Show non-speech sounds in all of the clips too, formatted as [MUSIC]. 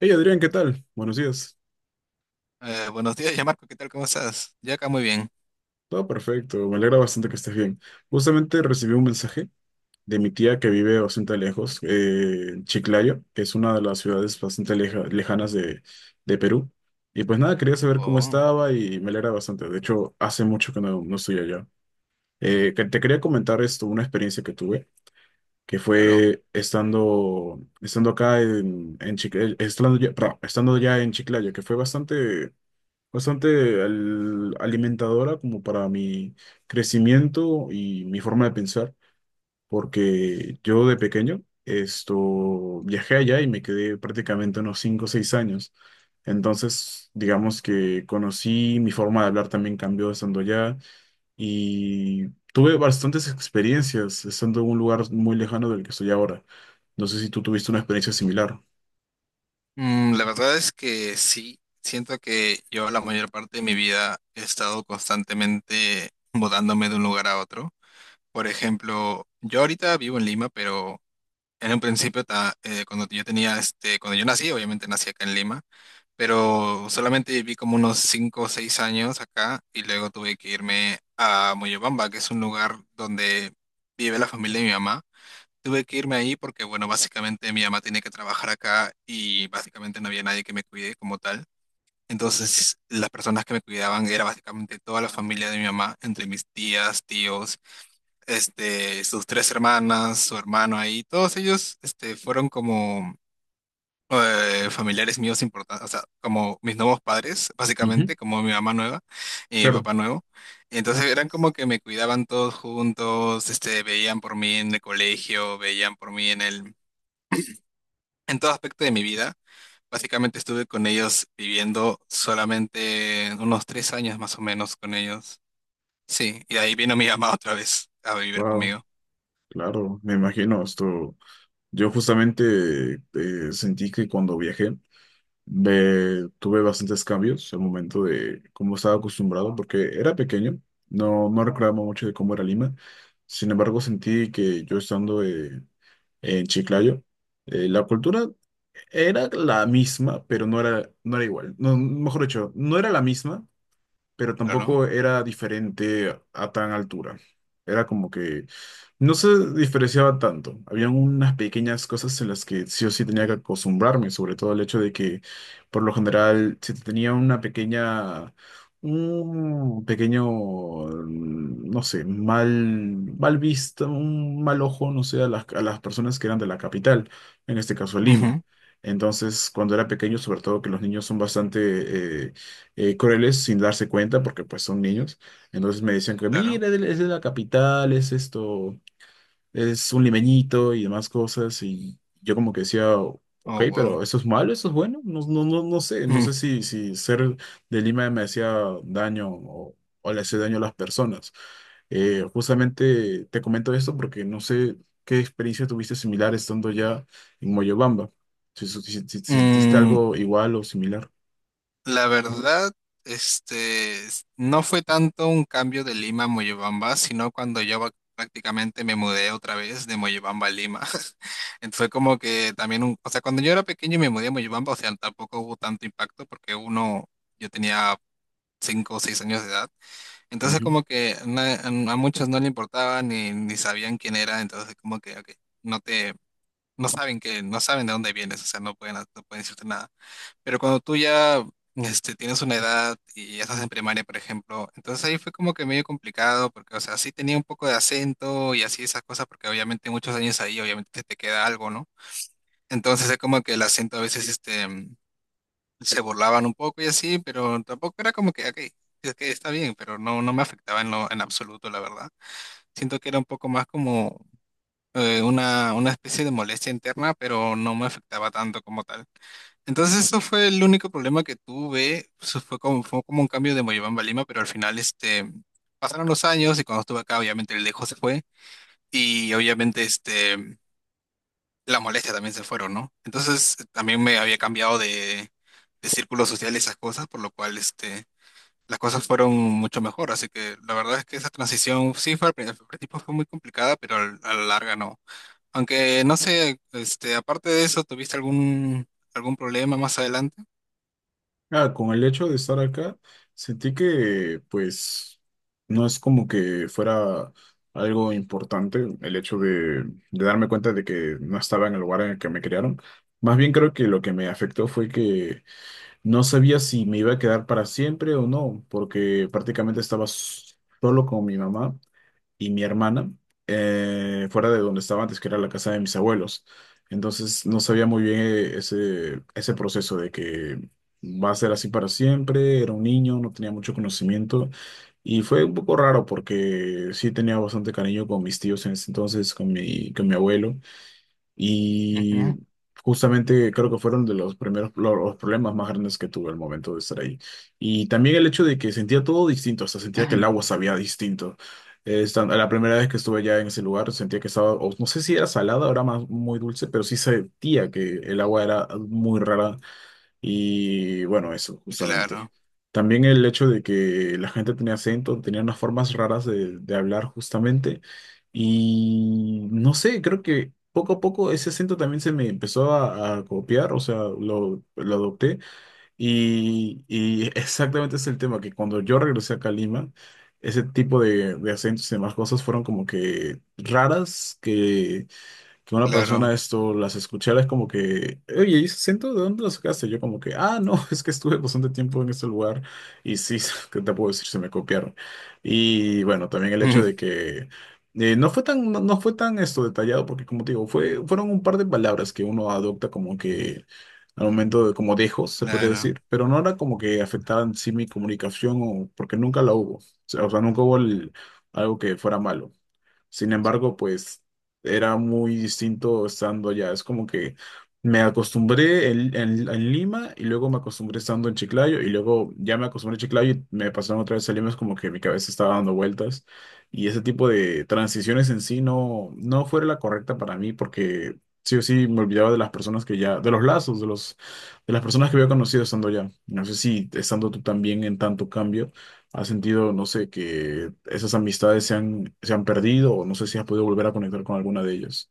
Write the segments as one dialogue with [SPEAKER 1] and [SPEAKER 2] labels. [SPEAKER 1] Hey Adrián, ¿qué tal? Buenos días.
[SPEAKER 2] Buenos días, ya Marco, ¿qué tal? ¿Cómo estás? Ya acá muy bien.
[SPEAKER 1] Todo perfecto, me alegra bastante que estés bien. Justamente recibí un mensaje de mi tía que vive bastante lejos, en Chiclayo, que es una de las ciudades bastante lejanas de Perú. Y pues nada, quería saber cómo
[SPEAKER 2] Oh,
[SPEAKER 1] estaba y me alegra bastante. De hecho, hace mucho que no estoy allá. Te quería comentar esto, una experiencia que tuve, que
[SPEAKER 2] claro.
[SPEAKER 1] fue estando acá en Chiclayo, estando ya, perdón, estando ya en Chiclayo, que fue bastante alimentadora como para mi crecimiento y mi forma de pensar, porque yo de pequeño esto viajé allá y me quedé prácticamente unos 5 o 6 años. Entonces, digamos que conocí, mi forma de hablar también cambió estando allá y tuve bastantes experiencias estando en un lugar muy lejano del que estoy ahora. No sé si tú tuviste una experiencia similar.
[SPEAKER 2] La verdad es que sí, siento que yo la mayor parte de mi vida he estado constantemente mudándome de un lugar a otro. Por ejemplo, yo ahorita vivo en Lima, pero en un principio, cuando yo este, cuando yo nací, obviamente nací acá en Lima, pero solamente viví como unos 5 o 6 años acá y luego tuve que irme a Moyobamba, que es un lugar donde vive la familia de mi mamá. Tuve que irme ahí porque, bueno, básicamente mi mamá tenía que trabajar acá y básicamente no había nadie que me cuide como tal. Entonces, las personas que me cuidaban era básicamente toda la familia de mi mamá, entre mis tías, tíos, este, sus 3 hermanas, su hermano ahí, todos ellos, este, fueron como familiares míos importantes, o sea, como mis nuevos padres,
[SPEAKER 1] Ujú.
[SPEAKER 2] básicamente, como mi mamá nueva y mi
[SPEAKER 1] Claro,
[SPEAKER 2] papá nuevo. Entonces eran como que me cuidaban todos juntos, este, veían por mí en el colegio, veían por mí en el en todo aspecto de mi vida. Básicamente estuve con ellos viviendo solamente unos 3 años más o menos con ellos. Sí, y de ahí vino mi mamá otra vez a vivir
[SPEAKER 1] wow,
[SPEAKER 2] conmigo.
[SPEAKER 1] claro, me imagino esto. Yo justamente sentí que cuando viajé tuve bastantes cambios al momento de cómo estaba acostumbrado, porque era pequeño, no recordaba mucho de cómo era Lima. Sin embargo, sentí que yo estando en Chiclayo, la cultura era la misma, pero no era igual. No, mejor dicho, no era la misma, pero
[SPEAKER 2] Claro.
[SPEAKER 1] tampoco era diferente a tan altura. Era como que no se diferenciaba tanto. Habían unas pequeñas cosas en las que sí o sí tenía que acostumbrarme, sobre todo el hecho de que, por lo general, si tenía una pequeña, un pequeño, no sé, mal vista, un mal ojo, no sé, a a las personas que eran de la capital, en este caso Lima.
[SPEAKER 2] Ujú.
[SPEAKER 1] Entonces, cuando era pequeño, sobre todo que los niños son bastante crueles sin darse cuenta porque pues son niños. Entonces me decían que,
[SPEAKER 2] Claro.
[SPEAKER 1] mira, él es de la capital, es esto, es un limeñito y demás cosas. Y yo como que decía, ok,
[SPEAKER 2] Oh, wow.
[SPEAKER 1] pero ¿eso es malo? ¿Eso es bueno? No sé, no
[SPEAKER 2] Mm.
[SPEAKER 1] sé si ser de Lima me hacía daño o le hacía daño a las personas. Justamente te comento esto porque no sé qué experiencia tuviste similar estando ya en Moyobamba. Si sentiste
[SPEAKER 2] Mm,
[SPEAKER 1] algo igual o similar.
[SPEAKER 2] La verdad, este, no fue tanto un cambio de Lima a Moyobamba, sino cuando yo prácticamente me mudé otra vez de Moyobamba a Lima. [LAUGHS] Entonces fue como que también, o sea, cuando yo era pequeño y me mudé a Moyobamba, o sea, tampoco hubo tanto impacto porque uno, yo tenía 5 o 6 años de edad. Entonces como que a muchos no le importaba ni, ni sabían quién era, entonces como que ok, no te, no saben que, no saben de dónde vienes, o sea, no pueden, no pueden decirte nada. Pero cuando tú ya este, tienes una edad y ya estás en primaria, por ejemplo, entonces ahí fue como que medio complicado, porque, o sea, sí tenía un poco de acento y así esas cosas, porque obviamente muchos años ahí, obviamente se te queda algo, ¿no? Entonces es como que el acento a veces este, se burlaban un poco y así, pero tampoco era como que, ok, es que está bien, pero no, no me afectaba en lo, en absoluto, la verdad. Siento que era un poco más como una especie de molestia interna, pero no me afectaba tanto como tal. Entonces, eso fue el único problema que tuve. Eso fue como un cambio de Moyobamba a Lima, pero al final este, pasaron los años y cuando estuve acá, obviamente el dejo se fue y obviamente este, las molestias también se fueron, ¿no? Entonces, también me había cambiado de círculo social y esas cosas, por lo cual este, las cosas fueron mucho mejor. Así que la verdad es que esa transición, sí, fue al principio fue muy complicada, pero a la larga no. Aunque no sé, este, aparte de eso, ¿tuviste algún, algún problema más adelante?
[SPEAKER 1] Ah, con el hecho de estar acá, sentí que pues no es como que fuera algo importante el hecho de darme cuenta de que no estaba en el lugar en el que me criaron. Más bien creo que lo que me afectó fue que no sabía si me iba a quedar para siempre o no, porque prácticamente solo con mi mamá y mi hermana fuera de donde estaba antes, que era la casa de mis abuelos. Entonces no sabía muy bien ese proceso de que va a ser así para siempre. Era un niño, no tenía mucho conocimiento y fue un poco raro porque sí tenía bastante cariño con mis tíos en ese entonces, con mi abuelo. Y
[SPEAKER 2] Ujú.
[SPEAKER 1] justamente creo que fueron de los primeros los problemas más grandes que tuve al momento de estar ahí. Y también el hecho de que sentía todo distinto, hasta sentía que el agua
[SPEAKER 2] [CLEARS THROAT]
[SPEAKER 1] sabía distinto. La primera vez que estuve allá en ese lugar sentía que estaba, o no sé si era salada, ahora más muy dulce, pero sí sentía que el agua era muy rara y bueno, eso, justamente.
[SPEAKER 2] Claro,
[SPEAKER 1] También el hecho de que la gente tenía acento, tenía unas formas raras de hablar justamente. Y no sé, creo que poco a poco ese acento también se me empezó a copiar, o sea, lo adopté. Y [LAUGHS] exactamente es el tema, que cuando yo regresé acá a Lima, ese tipo de acentos y demás cosas fueron como que raras que una persona
[SPEAKER 2] claro,
[SPEAKER 1] esto las escuchara, es como que, oye, ¿y ese acento de dónde lo sacaste? Yo como que, ah, no, [LAUGHS] es que estuve bastante tiempo en este lugar y sí, [LAUGHS] ¿qué te puedo decir? Se me copiaron. Y bueno, también
[SPEAKER 2] [LAUGHS]
[SPEAKER 1] el hecho
[SPEAKER 2] mm,
[SPEAKER 1] de que no fue tan esto detallado, porque como te digo, fueron un par de palabras que uno adopta como que al momento de como dejos, se podría
[SPEAKER 2] claro.
[SPEAKER 1] decir, pero no era como que afectaran sí mi comunicación o porque nunca la hubo. O sea, nunca hubo algo que fuera malo. Sin embargo, pues era muy distinto estando allá. Es como que me acostumbré en, en Lima y luego me acostumbré estando en Chiclayo y luego ya me acostumbré a Chiclayo y me pasaron otra vez a Lima. Es como que mi cabeza estaba dando vueltas y ese tipo de transiciones en sí no fue la correcta para mí porque sí o sí me olvidaba de las personas que ya, de los lazos, de las personas que había conocido estando allá. No sé si estando tú también en tanto cambio. ¿Has sentido, no sé, que esas amistades se han perdido o no sé si has podido volver a conectar con alguna de ellas?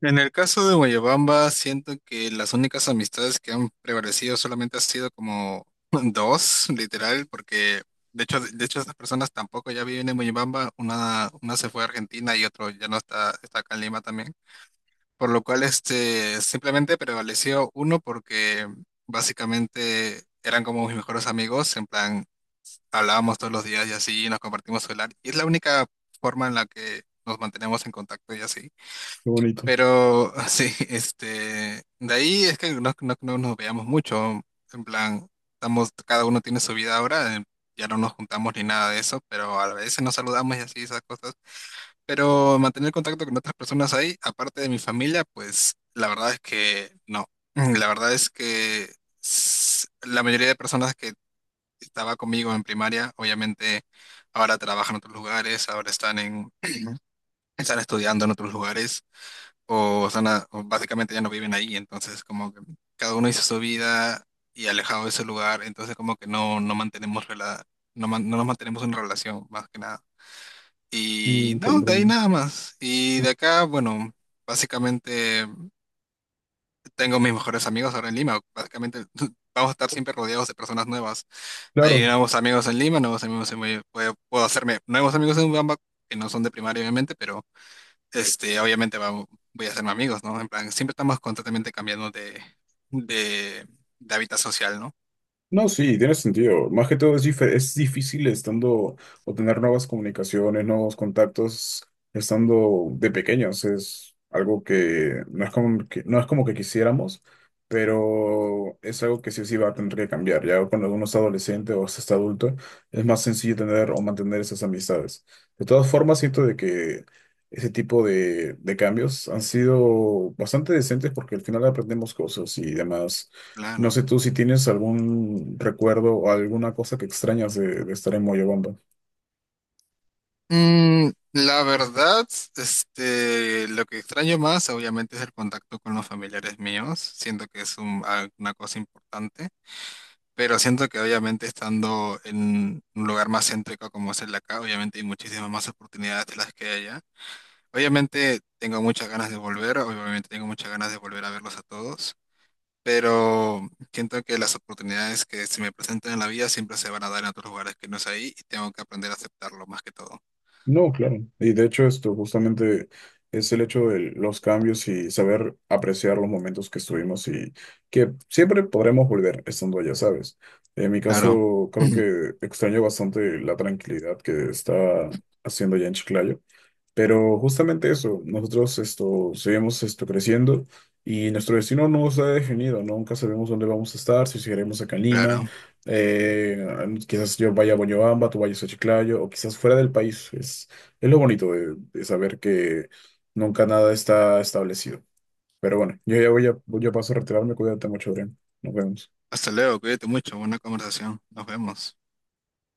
[SPEAKER 2] En el caso de Guayabamba, siento que las únicas amistades que han prevalecido solamente han sido como [LAUGHS] 2, literal, porque de hecho esas personas tampoco ya viven en Guayabamba, una se fue a Argentina y otro ya no está, está acá en Lima también, por lo cual este simplemente prevaleció uno porque básicamente eran como mis mejores amigos, en plan hablábamos todos los días y así, nos compartimos celular, y es la única forma en la que nos mantenemos en contacto y así.
[SPEAKER 1] Qué bonito.
[SPEAKER 2] Pero [LAUGHS] sí, este, de ahí es que no nos veíamos mucho, en plan, estamos, cada uno tiene su vida ahora, ya no nos juntamos ni nada de eso, pero a veces nos saludamos y así, esas cosas. Pero mantener contacto con otras personas ahí, aparte de mi familia, pues la verdad es que no. La verdad es que la mayoría de personas que estaba conmigo en primaria, obviamente ahora trabajan en otros lugares, ahora están estudiando en otros lugares, o, están o básicamente ya no viven ahí, entonces como que cada uno hizo su vida y alejado de ese lugar, entonces como que no, no mantenemos no nos mantenemos en relación más que nada. Y
[SPEAKER 1] Mm,
[SPEAKER 2] no, de ahí
[SPEAKER 1] comprendo.
[SPEAKER 2] nada más. Y de acá, bueno, básicamente tengo mis mejores amigos ahora en Lima. Básicamente [LAUGHS] vamos a estar siempre rodeados de personas nuevas.
[SPEAKER 1] Claro,
[SPEAKER 2] Hay nuevos amigos en Lima, nuevos amigos en Mollendo. Puedo, puedo hacerme nuevos amigos en Bamba, que no son de primaria, obviamente, pero este, obviamente voy a hacerme amigos, ¿no? En plan, siempre estamos constantemente cambiando de, de hábitat social, ¿no?
[SPEAKER 1] no, sí, tiene sentido. Más que todo es, dife es difícil estando o tener nuevas comunicaciones, nuevos contactos, estando de pequeños. Es algo que no es como que, no es como que quisiéramos, pero es algo que sí o sí va a tener que cambiar. Ya cuando uno es adolescente o se está adulto, es más sencillo tener o mantener esas amistades. De todas formas, siento de que ese tipo de cambios han sido bastante decentes porque al final aprendemos cosas y demás. No
[SPEAKER 2] Claro.
[SPEAKER 1] sé tú si tienes algún recuerdo o alguna cosa que extrañas de estar en Moyobamba.
[SPEAKER 2] La verdad, este, lo que extraño más, obviamente, es el contacto con los familiares míos. Siento que es una cosa importante, pero siento que obviamente estando en un lugar más céntrico como es el de acá, obviamente hay muchísimas más oportunidades de las que hay allá. Obviamente tengo muchas ganas de volver, obviamente tengo muchas ganas de volver a verlos a todos, pero siento que las oportunidades que se me presentan en la vida siempre se van a dar en otros lugares que no es ahí y tengo que aprender a aceptarlo más que todo.
[SPEAKER 1] No, claro. Y de hecho esto justamente es el hecho de los cambios y saber apreciar los momentos que estuvimos y que siempre podremos volver estando allá, ¿sabes? En mi
[SPEAKER 2] Claro.
[SPEAKER 1] caso creo
[SPEAKER 2] [CLEARS THROAT]
[SPEAKER 1] que extraño bastante la tranquilidad que está haciendo allá en Chiclayo. Pero justamente eso, nosotros esto, seguimos esto creciendo y nuestro destino no está definido, ¿no? Nunca sabemos dónde vamos a estar, si seguiremos acá en Lima,
[SPEAKER 2] Claro.
[SPEAKER 1] eh, quizás yo vaya a Boñobamba, tú vayas a Chiclayo, o quizás fuera del país. Es lo bonito de saber que nunca nada está establecido. Pero bueno, yo ya voy a paso a retirarme, cuídate mucho, Adrián. Nos vemos.
[SPEAKER 2] Hasta luego, cuídate mucho, buena conversación. Nos vemos.